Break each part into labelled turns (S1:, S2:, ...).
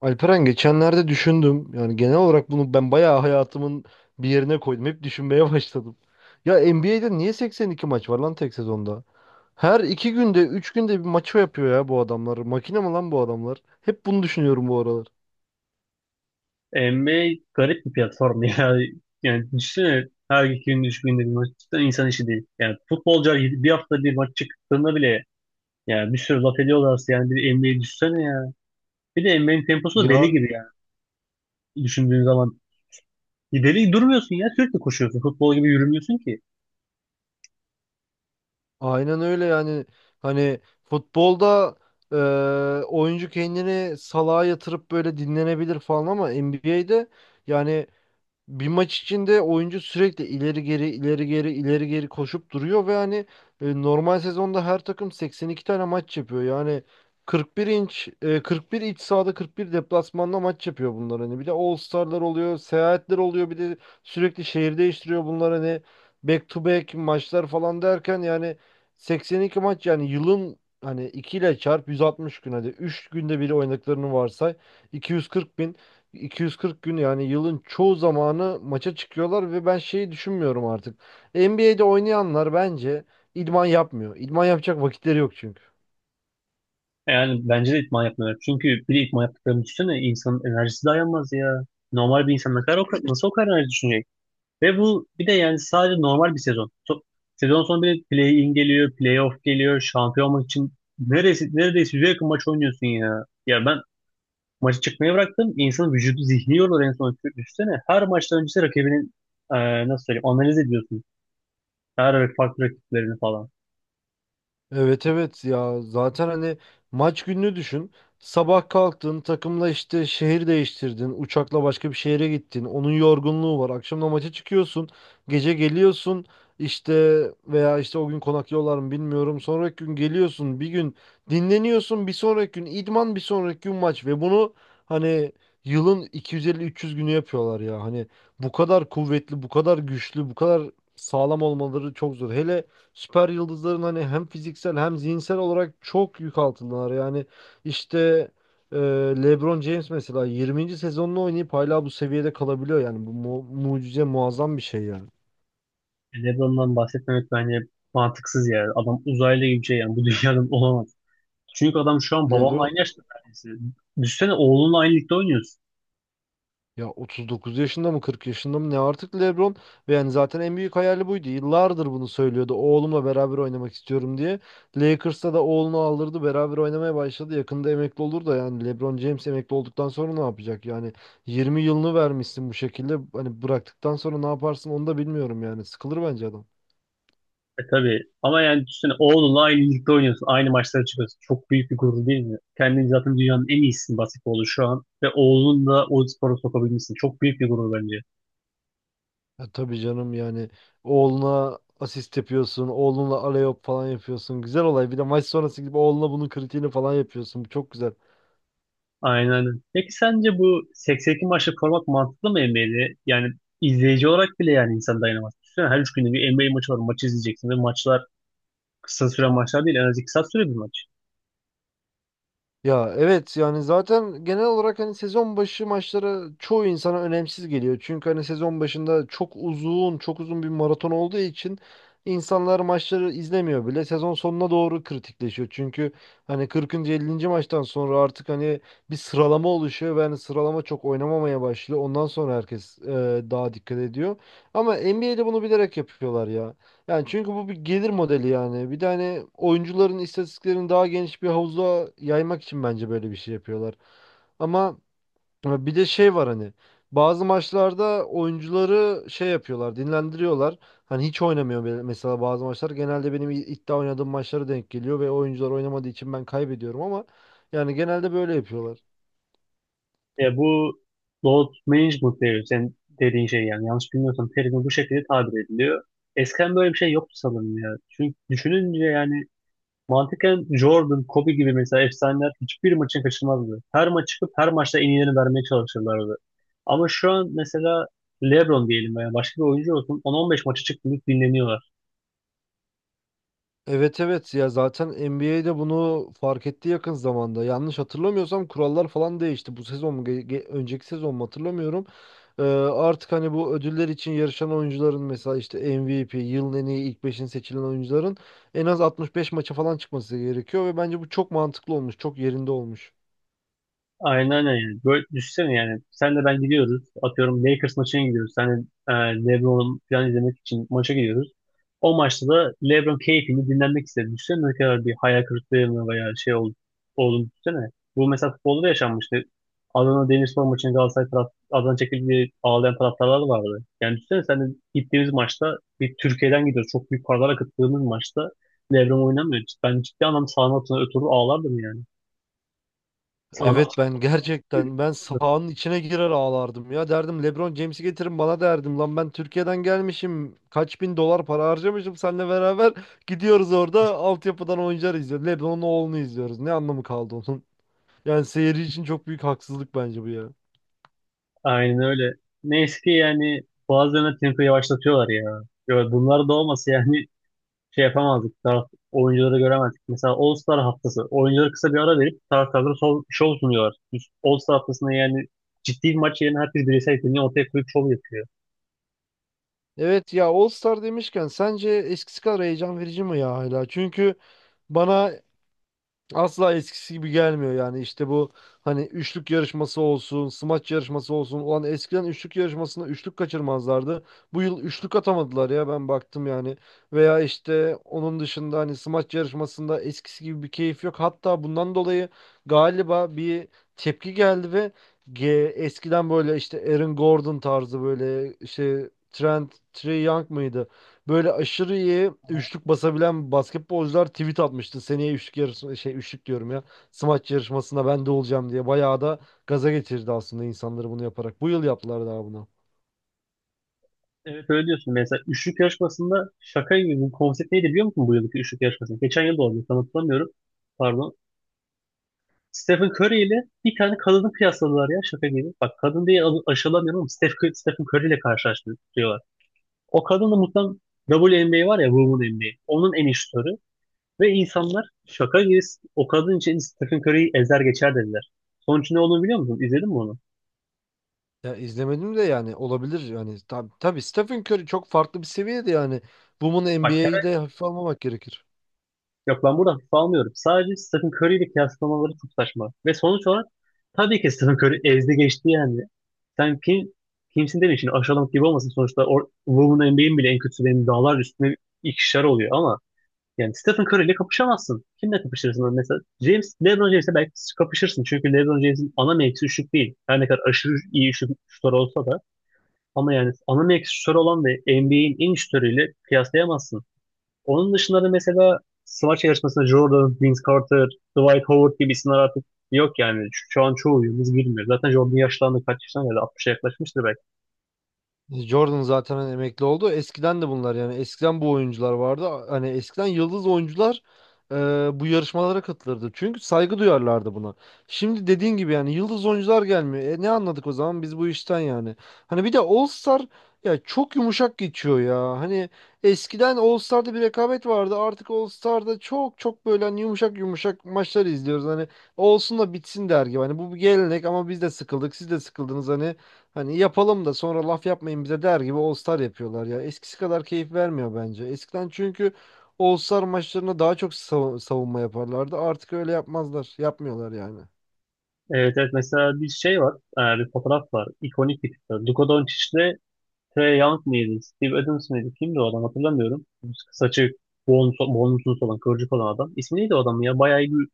S1: Alperen, geçenlerde düşündüm. Yani genel olarak bunu ben bayağı hayatımın bir yerine koydum. Hep düşünmeye başladım. Ya, NBA'de niye 82 maç var lan tek sezonda? Her iki günde, üç günde bir maçı yapıyor ya bu adamlar. Makine mi lan bu adamlar? Hep bunu düşünüyorum bu aralar.
S2: NBA garip bir platform ya. Yani düşünsene her iki gün, üç günde bir maç. Cidden insan işi değil. Yani futbolcular bir hafta bir maç çıktığında bile yani bir sürü laf ediyorlarsa yani bir NBA'yi düşünsene ya. Bir de NBA'nin temposu da deli
S1: Ya
S2: gibi yani düşündüğün zaman. Bir deli durmuyorsun ya sürekli koşuyorsun. Futbol gibi yürümüyorsun ki.
S1: aynen öyle yani. Hani futbolda e, oyuncu kendini salağa yatırıp böyle dinlenebilir falan, ama NBA'de yani bir maç içinde oyuncu sürekli ileri geri ileri geri ileri geri koşup duruyor ve hani normal sezonda her takım 82 tane maç yapıyor. Yani 41 41 iç sahada 41 deplasmanda maç yapıyor bunlar hani. Bir de All-Star'lar oluyor, seyahatler oluyor, bir de sürekli şehir değiştiriyor bunlar, hani back to back maçlar falan derken yani 82 maç, yani yılın hani 2 ile çarp 160 gün, hadi 3 günde bir oynadıklarını varsay, 240.000 240 gün yani yılın çoğu zamanı maça çıkıyorlar ve ben şeyi düşünmüyorum artık. NBA'de oynayanlar bence idman yapmıyor. İdman yapacak vakitleri yok çünkü.
S2: Yani bence de idman yapmıyorlar. Çünkü bir de idman yaptıklarını düşünsene insanın enerjisi dayanmaz ya. Normal bir insan ne kadar nasıl o kadar enerji düşünecek? Ve bu bir de yani sadece normal bir sezon. Sezon sonu bir de play-in geliyor, play-off geliyor, şampiyonluk için neredeyse yüze yakın maç oynuyorsun ya. Ya ben maçı çıkmayı bıraktım. İnsanın vücudu zihni yorulur en son üstüne. Her maçtan öncesi rakibinin nasıl söyleyeyim analiz ediyorsun. Her farklı rakiplerini falan.
S1: Evet evet ya, zaten hani maç gününü düşün. Sabah kalktın, takımla işte şehir değiştirdin. Uçakla başka bir şehre gittin. Onun yorgunluğu var. Akşam da maça çıkıyorsun. Gece geliyorsun işte, veya işte o gün konaklıyorlar mı bilmiyorum. Sonraki gün geliyorsun. Bir gün dinleniyorsun. Bir sonraki gün idman, bir sonraki gün maç. Ve bunu hani yılın 250-300 günü yapıyorlar ya. Hani bu kadar kuvvetli, bu kadar güçlü, bu kadar sağlam olmaları çok zor. Hele süper yıldızların hani, hem fiziksel hem zihinsel olarak çok yük altındalar. Yani işte e, LeBron James mesela 20. sezonunu oynayıp hala bu seviyede kalabiliyor. Yani bu mucize, muazzam bir şey yani.
S2: LeBron'dan bahsetmemek bence mantıksız ya. Adam uzaylı gibi bir şey yani bu dünyadan olamaz. Çünkü adam şu an babamla aynı
S1: LeBron.
S2: yaşta neredeyse. Düşsene oğlunla aynı ligde oynuyorsun.
S1: Ya 39 yaşında mı, 40 yaşında mı, ne artık LeBron, ve yani zaten en büyük hayali buydu. Yıllardır bunu söylüyordu. Oğlumla beraber oynamak istiyorum diye. Lakers'ta da oğlunu aldırdı, beraber oynamaya başladı. Yakında emekli olur da, yani LeBron James emekli olduktan sonra ne yapacak? Yani 20 yılını vermişsin bu şekilde. Hani bıraktıktan sonra ne yaparsın, onu da bilmiyorum yani. Sıkılır bence adam.
S2: E tabii. Ama yani düşünsene oğlunla aynı ligde oynuyorsun. Aynı maçlara çıkıyorsun. Çok büyük bir gurur değil mi? Kendini zaten dünyanın en iyisi basketbolu şu an. Ve oğlunu da o spora sokabilmişsin. Çok büyük bir gurur bence.
S1: Ya tabii canım, yani oğluna asist yapıyorsun, oğlunla alley-oop falan yapıyorsun. Güzel olay. Bir de maç sonrası gibi oğluna bunun kritiğini falan yapıyorsun. Bu çok güzel.
S2: Aynen öyle. Peki sence bu 82 maçlık format mantıklı mı NBA'de? Yani izleyici olarak bile yani insan dayanamaz. Düşünsene her üç günde bir NBA maçı var. Maçı izleyeceksin ve maçlar kısa süren maçlar değil. En az iki saat süre bir maç.
S1: Ya evet, yani zaten genel olarak hani sezon başı maçları çoğu insana önemsiz geliyor. Çünkü hani sezon başında çok uzun, çok uzun bir maraton olduğu için insanlar maçları izlemiyor bile. Sezon sonuna doğru kritikleşiyor. Çünkü hani 40. 50. maçtan sonra artık hani bir sıralama oluşuyor ve hani sıralama çok oynamamaya başlıyor. Ondan sonra herkes daha dikkat ediyor. Ama NBA'de bunu bilerek yapıyorlar ya. Yani çünkü bu bir gelir modeli yani. Bir de hani oyuncuların istatistiklerini daha geniş bir havuza yaymak için bence böyle bir şey yapıyorlar. Ama bir de şey var hani, bazı maçlarda oyuncuları şey yapıyorlar, dinlendiriyorlar. Hani hiç oynamıyor mesela bazı maçlar. Genelde benim iddia oynadığım maçlara denk geliyor ve oyuncular oynamadığı için ben kaybediyorum, ama yani genelde böyle yapıyorlar.
S2: Bu load management diyor sen dediğin şey yani yanlış bilmiyorsam terimi bu şekilde tabir ediliyor. Eskiden böyle bir şey yoktu sanırım ya. Çünkü düşününce yani mantıken Jordan, Kobe gibi mesela efsaneler hiçbir maçın kaçırmazdı. Her maç çıkıp her maçta en iyilerini vermeye çalışırlardı. Ama şu an mesela LeBron diyelim veya başka bir oyuncu olsun on on beş maçı çıktı dinleniyorlar.
S1: Evet evet ya, zaten NBA'de bunu fark etti yakın zamanda. Yanlış hatırlamıyorsam kurallar falan değişti. Bu sezon mu, önceki sezon mu hatırlamıyorum. Artık hani bu ödüller için yarışan oyuncuların, mesela işte MVP, yılın en iyi ilk beşin seçilen oyuncuların en az 65 maça falan çıkması gerekiyor ve bence bu çok mantıklı olmuş, çok yerinde olmuş.
S2: Aynen öyle. Böyle düşünsene yani. Sen de ben gidiyoruz. Atıyorum Lakers maçına gidiyoruz. Sen de LeBron'u falan izlemek için maça gidiyoruz. O maçta da LeBron keyfini dinlenmek istedi. Düşünsene ne kadar bir hayal kırıklığına veya olduğunu düşünsene. Bu mesela futbolda da yaşanmıştı. Adana Demirspor maçında Adana çekildiği ağlayan taraftarlar vardı. Yani düşünsene sen de gittiğimiz maçta bir Türkiye'den gidiyoruz. Çok büyük paralar akıttığımız maçta LeBron oynamıyor. Ben ciddi anlamda sahanın altına ötürü ağlardım yani. Sahanın
S1: Evet, ben
S2: altına.
S1: gerçekten ben sahanın içine girer ağlardım ya, derdim LeBron James'i getirin bana, derdim lan ben Türkiye'den gelmişim, kaç bin dolar para harcamışım, seninle beraber gidiyoruz orada altyapıdan oyuncular izliyoruz, LeBron'un oğlunu izliyoruz, ne anlamı kaldı onun, yani seyirci için çok büyük haksızlık bence bu ya.
S2: Aynen öyle. Neyse ki yani bazen de tempo yavaşlatıyorlar ya. Ya bunlar da olmasa yani şey yapamazdık. Oyuncuları göremezdik. Mesela All Star haftası. Oyuncuları kısa bir ara verip taraftarlara şov sunuyorlar. Biz All Star haftasında yani ciddi bir maç yerine herkes bireysel yeteneğini ortaya koyup şov yapıyor.
S1: Evet ya, All Star demişken sence eskisi kadar heyecan verici mi ya hala? Çünkü bana asla eskisi gibi gelmiyor, yani işte bu hani üçlük yarışması olsun, smaç yarışması olsun. Ulan eskiden üçlük yarışmasında üçlük kaçırmazlardı. Bu yıl üçlük atamadılar ya, ben baktım yani. Veya işte onun dışında hani smaç yarışmasında eskisi gibi bir keyif yok. Hatta bundan dolayı galiba bir tepki geldi ve eskiden böyle işte Aaron Gordon tarzı, böyle işte Trey Young mıydı? Böyle aşırı iyi üçlük basabilen basketbolcular tweet atmıştı. Seneye üçlük yarışı, şey üçlük diyorum ya, smaç yarışmasında ben de olacağım diye. Bayağı da gaza getirdi aslında insanları bunu yaparak. Bu yıl yaptılar daha bunu.
S2: Evet öyle diyorsun. Mesela üçlük yarışmasında şaka gibi bu konsept neydi biliyor musun bu yılki üçlük yarışmasında? Geçen yıl da oldu. Tam hatırlamıyorum. Pardon. Stephen Curry ile bir tane kadını kıyasladılar ya şaka gibi. Bak kadın diye aşılamıyorum ama Stephen Curry ile karşılaştırıyorlar. O kadın da mutlaka WNBA var ya Women NBA. Onun en iyi şutörü. Ve insanlar şaka gibi o kadın için Stephen Curry'yi ezer geçer dediler. Sonucu ne olduğunu biliyor musun? İzledin mi onu?
S1: Ya izlemedim de, yani olabilir yani. Tabii Stephen Curry çok farklı bir seviyede yani. Bunun
S2: Bak.
S1: NBA'yi de hafife almamak gerekir.
S2: Yok ben buradan hafif almıyorum. Sadece Stephen Curry ile kıyaslamaları çok saçma. Ve sonuç olarak tabii ki Stephen Curry ezdi geçti yani. Sen kim, kimsin demeyin şimdi aşağılamak gibi olmasın. Sonuçta Women NBA'in bile en kötülerinin dağlar üstüne ikişer oluyor ama yani Stephen Curry ile kapışamazsın. Kimle kapışırsın? Hani mesela James, LeBron James'le belki kapışırsın. Çünkü LeBron James'in ana mevkisi şut değil. Her ne kadar aşırı iyi şutör olsa da ama yani ana mevkisi şutör olan ve NBA'in en iyi şutörüyle kıyaslayamazsın. Onun dışında da mesela smaç yarışmasında Jordan, Vince Carter, Dwight Howard gibi isimler artık yok yani. Şu an çoğu yıldız bilmiyor. Zaten Jordan yaşlandı kaç yaşına geldi? 60'a yaklaşmıştır belki.
S1: Jordan zaten hani emekli oldu. Eskiden de bunlar yani. Eskiden bu oyuncular vardı. Hani eskiden yıldız oyuncular e, bu yarışmalara katılırdı. Çünkü saygı duyarlardı buna. Şimdi dediğin gibi yani yıldız oyuncular gelmiyor. Ne anladık o zaman biz bu işten yani. Hani bir de All Star ya, çok yumuşak geçiyor ya. Hani eskiden All Star'da bir rekabet vardı. Artık All Star'da çok çok böyle hani yumuşak yumuşak maçları izliyoruz. Hani olsun da bitsin der gibi. Hani bu bir gelenek, ama biz de sıkıldık, siz de sıkıldınız hani. Hani yapalım da sonra laf yapmayın bize der gibi All Star yapıyorlar ya. Eskisi kadar keyif vermiyor bence. Eskiden çünkü All Star maçlarına daha çok savunma yaparlardı. Artık öyle yapmazlar. Yapmıyorlar yani.
S2: Evet, evet mesela bir şey var. Bir fotoğraf var. İkonik bir fotoğraf. Luka Doncic'le Trae Young mıydı? Steve Adams mıydı? Kimdi o adam hatırlamıyorum. Saçı bonusuz olan, kıvırcık olan adam. İsmi neydi o adamın ya?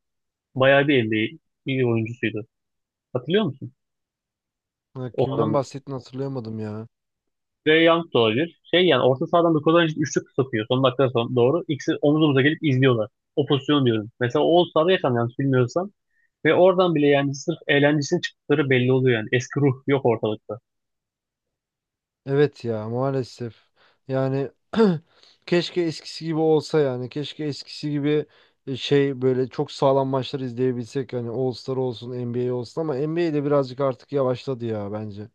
S2: Bayağı bir NBA iyi oyuncusuydu. Hatırlıyor musun?
S1: Ha,
S2: O
S1: kimden
S2: adamın
S1: bahsettiğini hatırlayamadım ya.
S2: Trae Young da olabilir. Şey yani orta sahadan Nikola Jokic üçlük sokuyor. Son dakika son doğru. İkisi omuz omuza gelip izliyorlar. O pozisyonu diyorum. Mesela o sahada yakan yanlış bilmiyorsam. Ve oradan bile yani sırf eğlencesinin çıktıkları belli oluyor yani. Eski ruh yok ortalıkta.
S1: Evet ya, maalesef. Yani keşke eskisi gibi olsa yani. Keşke eskisi gibi şey, böyle çok sağlam maçlar izleyebilsek. Hani All Star olsun, NBA olsun, ama N B A de birazcık artık yavaşladı ya bence.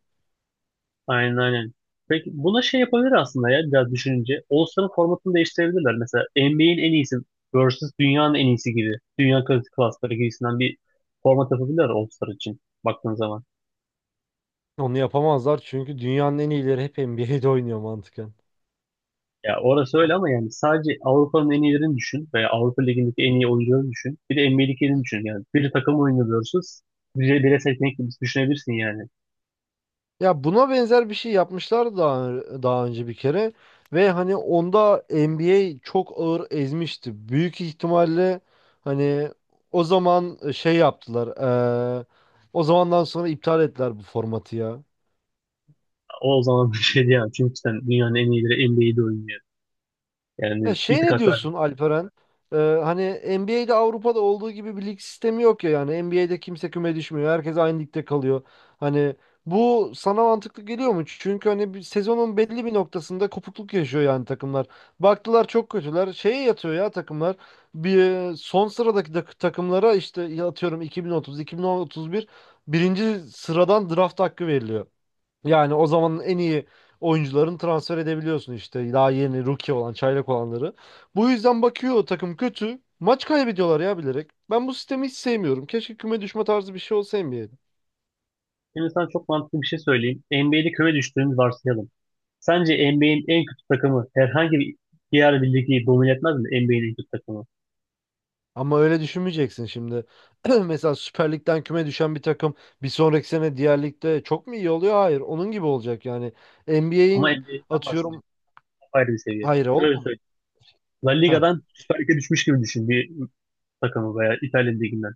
S2: Aynen, aynen. Peki buna şey yapabilir aslında ya biraz düşününce. All-Star'ın formatını değiştirebilirler. Mesela NBA'in en iyisi versus dünyanın en iyisi gibi. Dünya klasları gibisinden bir format yapabilirler All-Star için baktığın zaman.
S1: Onu yapamazlar çünkü dünyanın en iyileri hep NBA'de oynuyor mantıken.
S2: Ya orası öyle ama yani sadece Avrupa'nın en iyilerini düşün veya Avrupa Ligi'ndeki en iyi oyuncuları düşün. Bir de NBA'dekilerini düşün. Yani bir takım oyunu diyorsunuz. Bire seçenek gibi düşünebilirsin yani.
S1: Ya buna benzer bir şey yapmışlar daha önce bir kere, ve hani onda NBA çok ağır ezmişti. Büyük ihtimalle hani o zaman şey yaptılar. eee, O zamandan sonra iptal ettiler bu formatı ya.
S2: O zaman bir şey diyemem. Çünkü sen dünyanın en iyileri NBA'de oynuyor.
S1: Ya
S2: Yani bir
S1: şey,
S2: tık
S1: ne
S2: hak verdim.
S1: diyorsun Alperen? Ee, Hani NBA'de Avrupa'da olduğu gibi bir lig sistemi yok ya yani. NBA'de kimse küme düşmüyor. Herkes aynı ligde kalıyor. Hani bu sana mantıklı geliyor mu? Çünkü hani bir sezonun belli bir noktasında kopukluk yaşıyor yani takımlar. Baktılar çok kötüler, şeye yatıyor ya takımlar. Bir son sıradaki takımlara işte, ya atıyorum 2030, 2031 birinci sıradan draft hakkı veriliyor. Yani o zamanın en iyi oyuncularını transfer edebiliyorsun işte, daha yeni rookie olan, çaylak olanları. Bu yüzden bakıyor o takım kötü, maç kaybediyorlar ya bilerek. Ben bu sistemi hiç sevmiyorum. Keşke küme düşme tarzı bir şey olsa NBA'de.
S2: Şimdi sana çok mantıklı bir şey söyleyeyim. NBA'de küme düştüğünü varsayalım. Sence NBA'in en kötü takımı herhangi bir diğer bir ligi domine etmez mi? NBA'in en kötü takımı.
S1: Ama öyle düşünmeyeceksin şimdi. Mesela Süper Lig'den küme düşen bir takım bir sonraki sene diğer ligde çok mu iyi oluyor? Hayır. Onun gibi olacak yani.
S2: Ama
S1: NBA'in
S2: NBA'den
S1: atıyorum.
S2: bahsediyorum. Ayrı bir seviye.
S1: Hayır
S2: Şöyle
S1: oğlum.
S2: söyleyeyim. La Liga'dan Süper Lig'e düşmüş gibi düşün. Bir takımı veya İtalya liginden,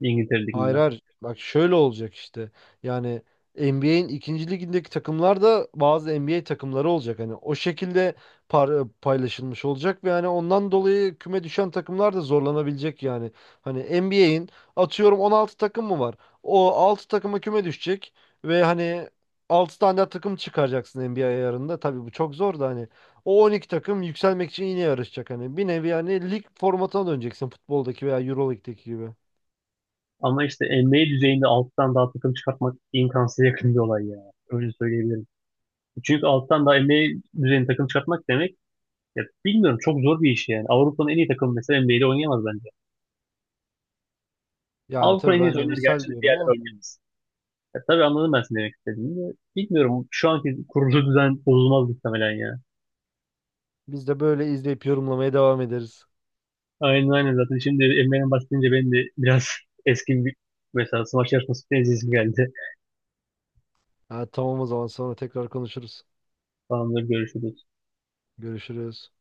S2: İngiltere
S1: Hayır,
S2: liginden.
S1: hayır. Bak şöyle olacak işte. Yani NBA'in ikinci ligindeki takımlar da bazı NBA takımları olacak. Hani o şekilde paylaşılmış olacak ve hani ondan dolayı küme düşen takımlar da zorlanabilecek yani. Hani NBA'in atıyorum 16 takım mı var? O 6 takıma küme düşecek ve hani 6 tane daha takım çıkaracaksın NBA ayarında. Tabii bu çok zor da, hani o 12 takım yükselmek için yine yarışacak hani. Bir nevi yani lig formatına döneceksin, futboldaki veya Euroleague'deki gibi.
S2: Ama işte NBA düzeyinde alttan daha takım çıkartmak imkansıza yakın bir olay ya. Öyle söyleyebilirim. Çünkü alttan daha NBA düzeyinde takım çıkartmak demek ya bilmiyorum çok zor bir iş yani. Avrupa'nın en iyi takımı mesela NBA'de oynayamaz bence.
S1: Yani
S2: Avrupa'nın
S1: tabii
S2: en iyi
S1: ben de
S2: oynar gerçi
S1: misal
S2: de bir
S1: diyorum
S2: yerler
S1: ama,
S2: oynayamaz. Ya, tabii anladım ben seni demek istediğini de. Bilmiyorum şu anki kurulu düzen bozulmaz muhtemelen ya.
S1: biz de böyle izleyip yorumlamaya devam ederiz.
S2: Aynen, aynen, zaten şimdi NBA'den bahsedince benim de biraz eski bir mesela smaç yarışması izleyesim geldi.
S1: Ha, tamam, o zaman sonra tekrar konuşuruz.
S2: Tamamdır, görüşürüz.
S1: Görüşürüz.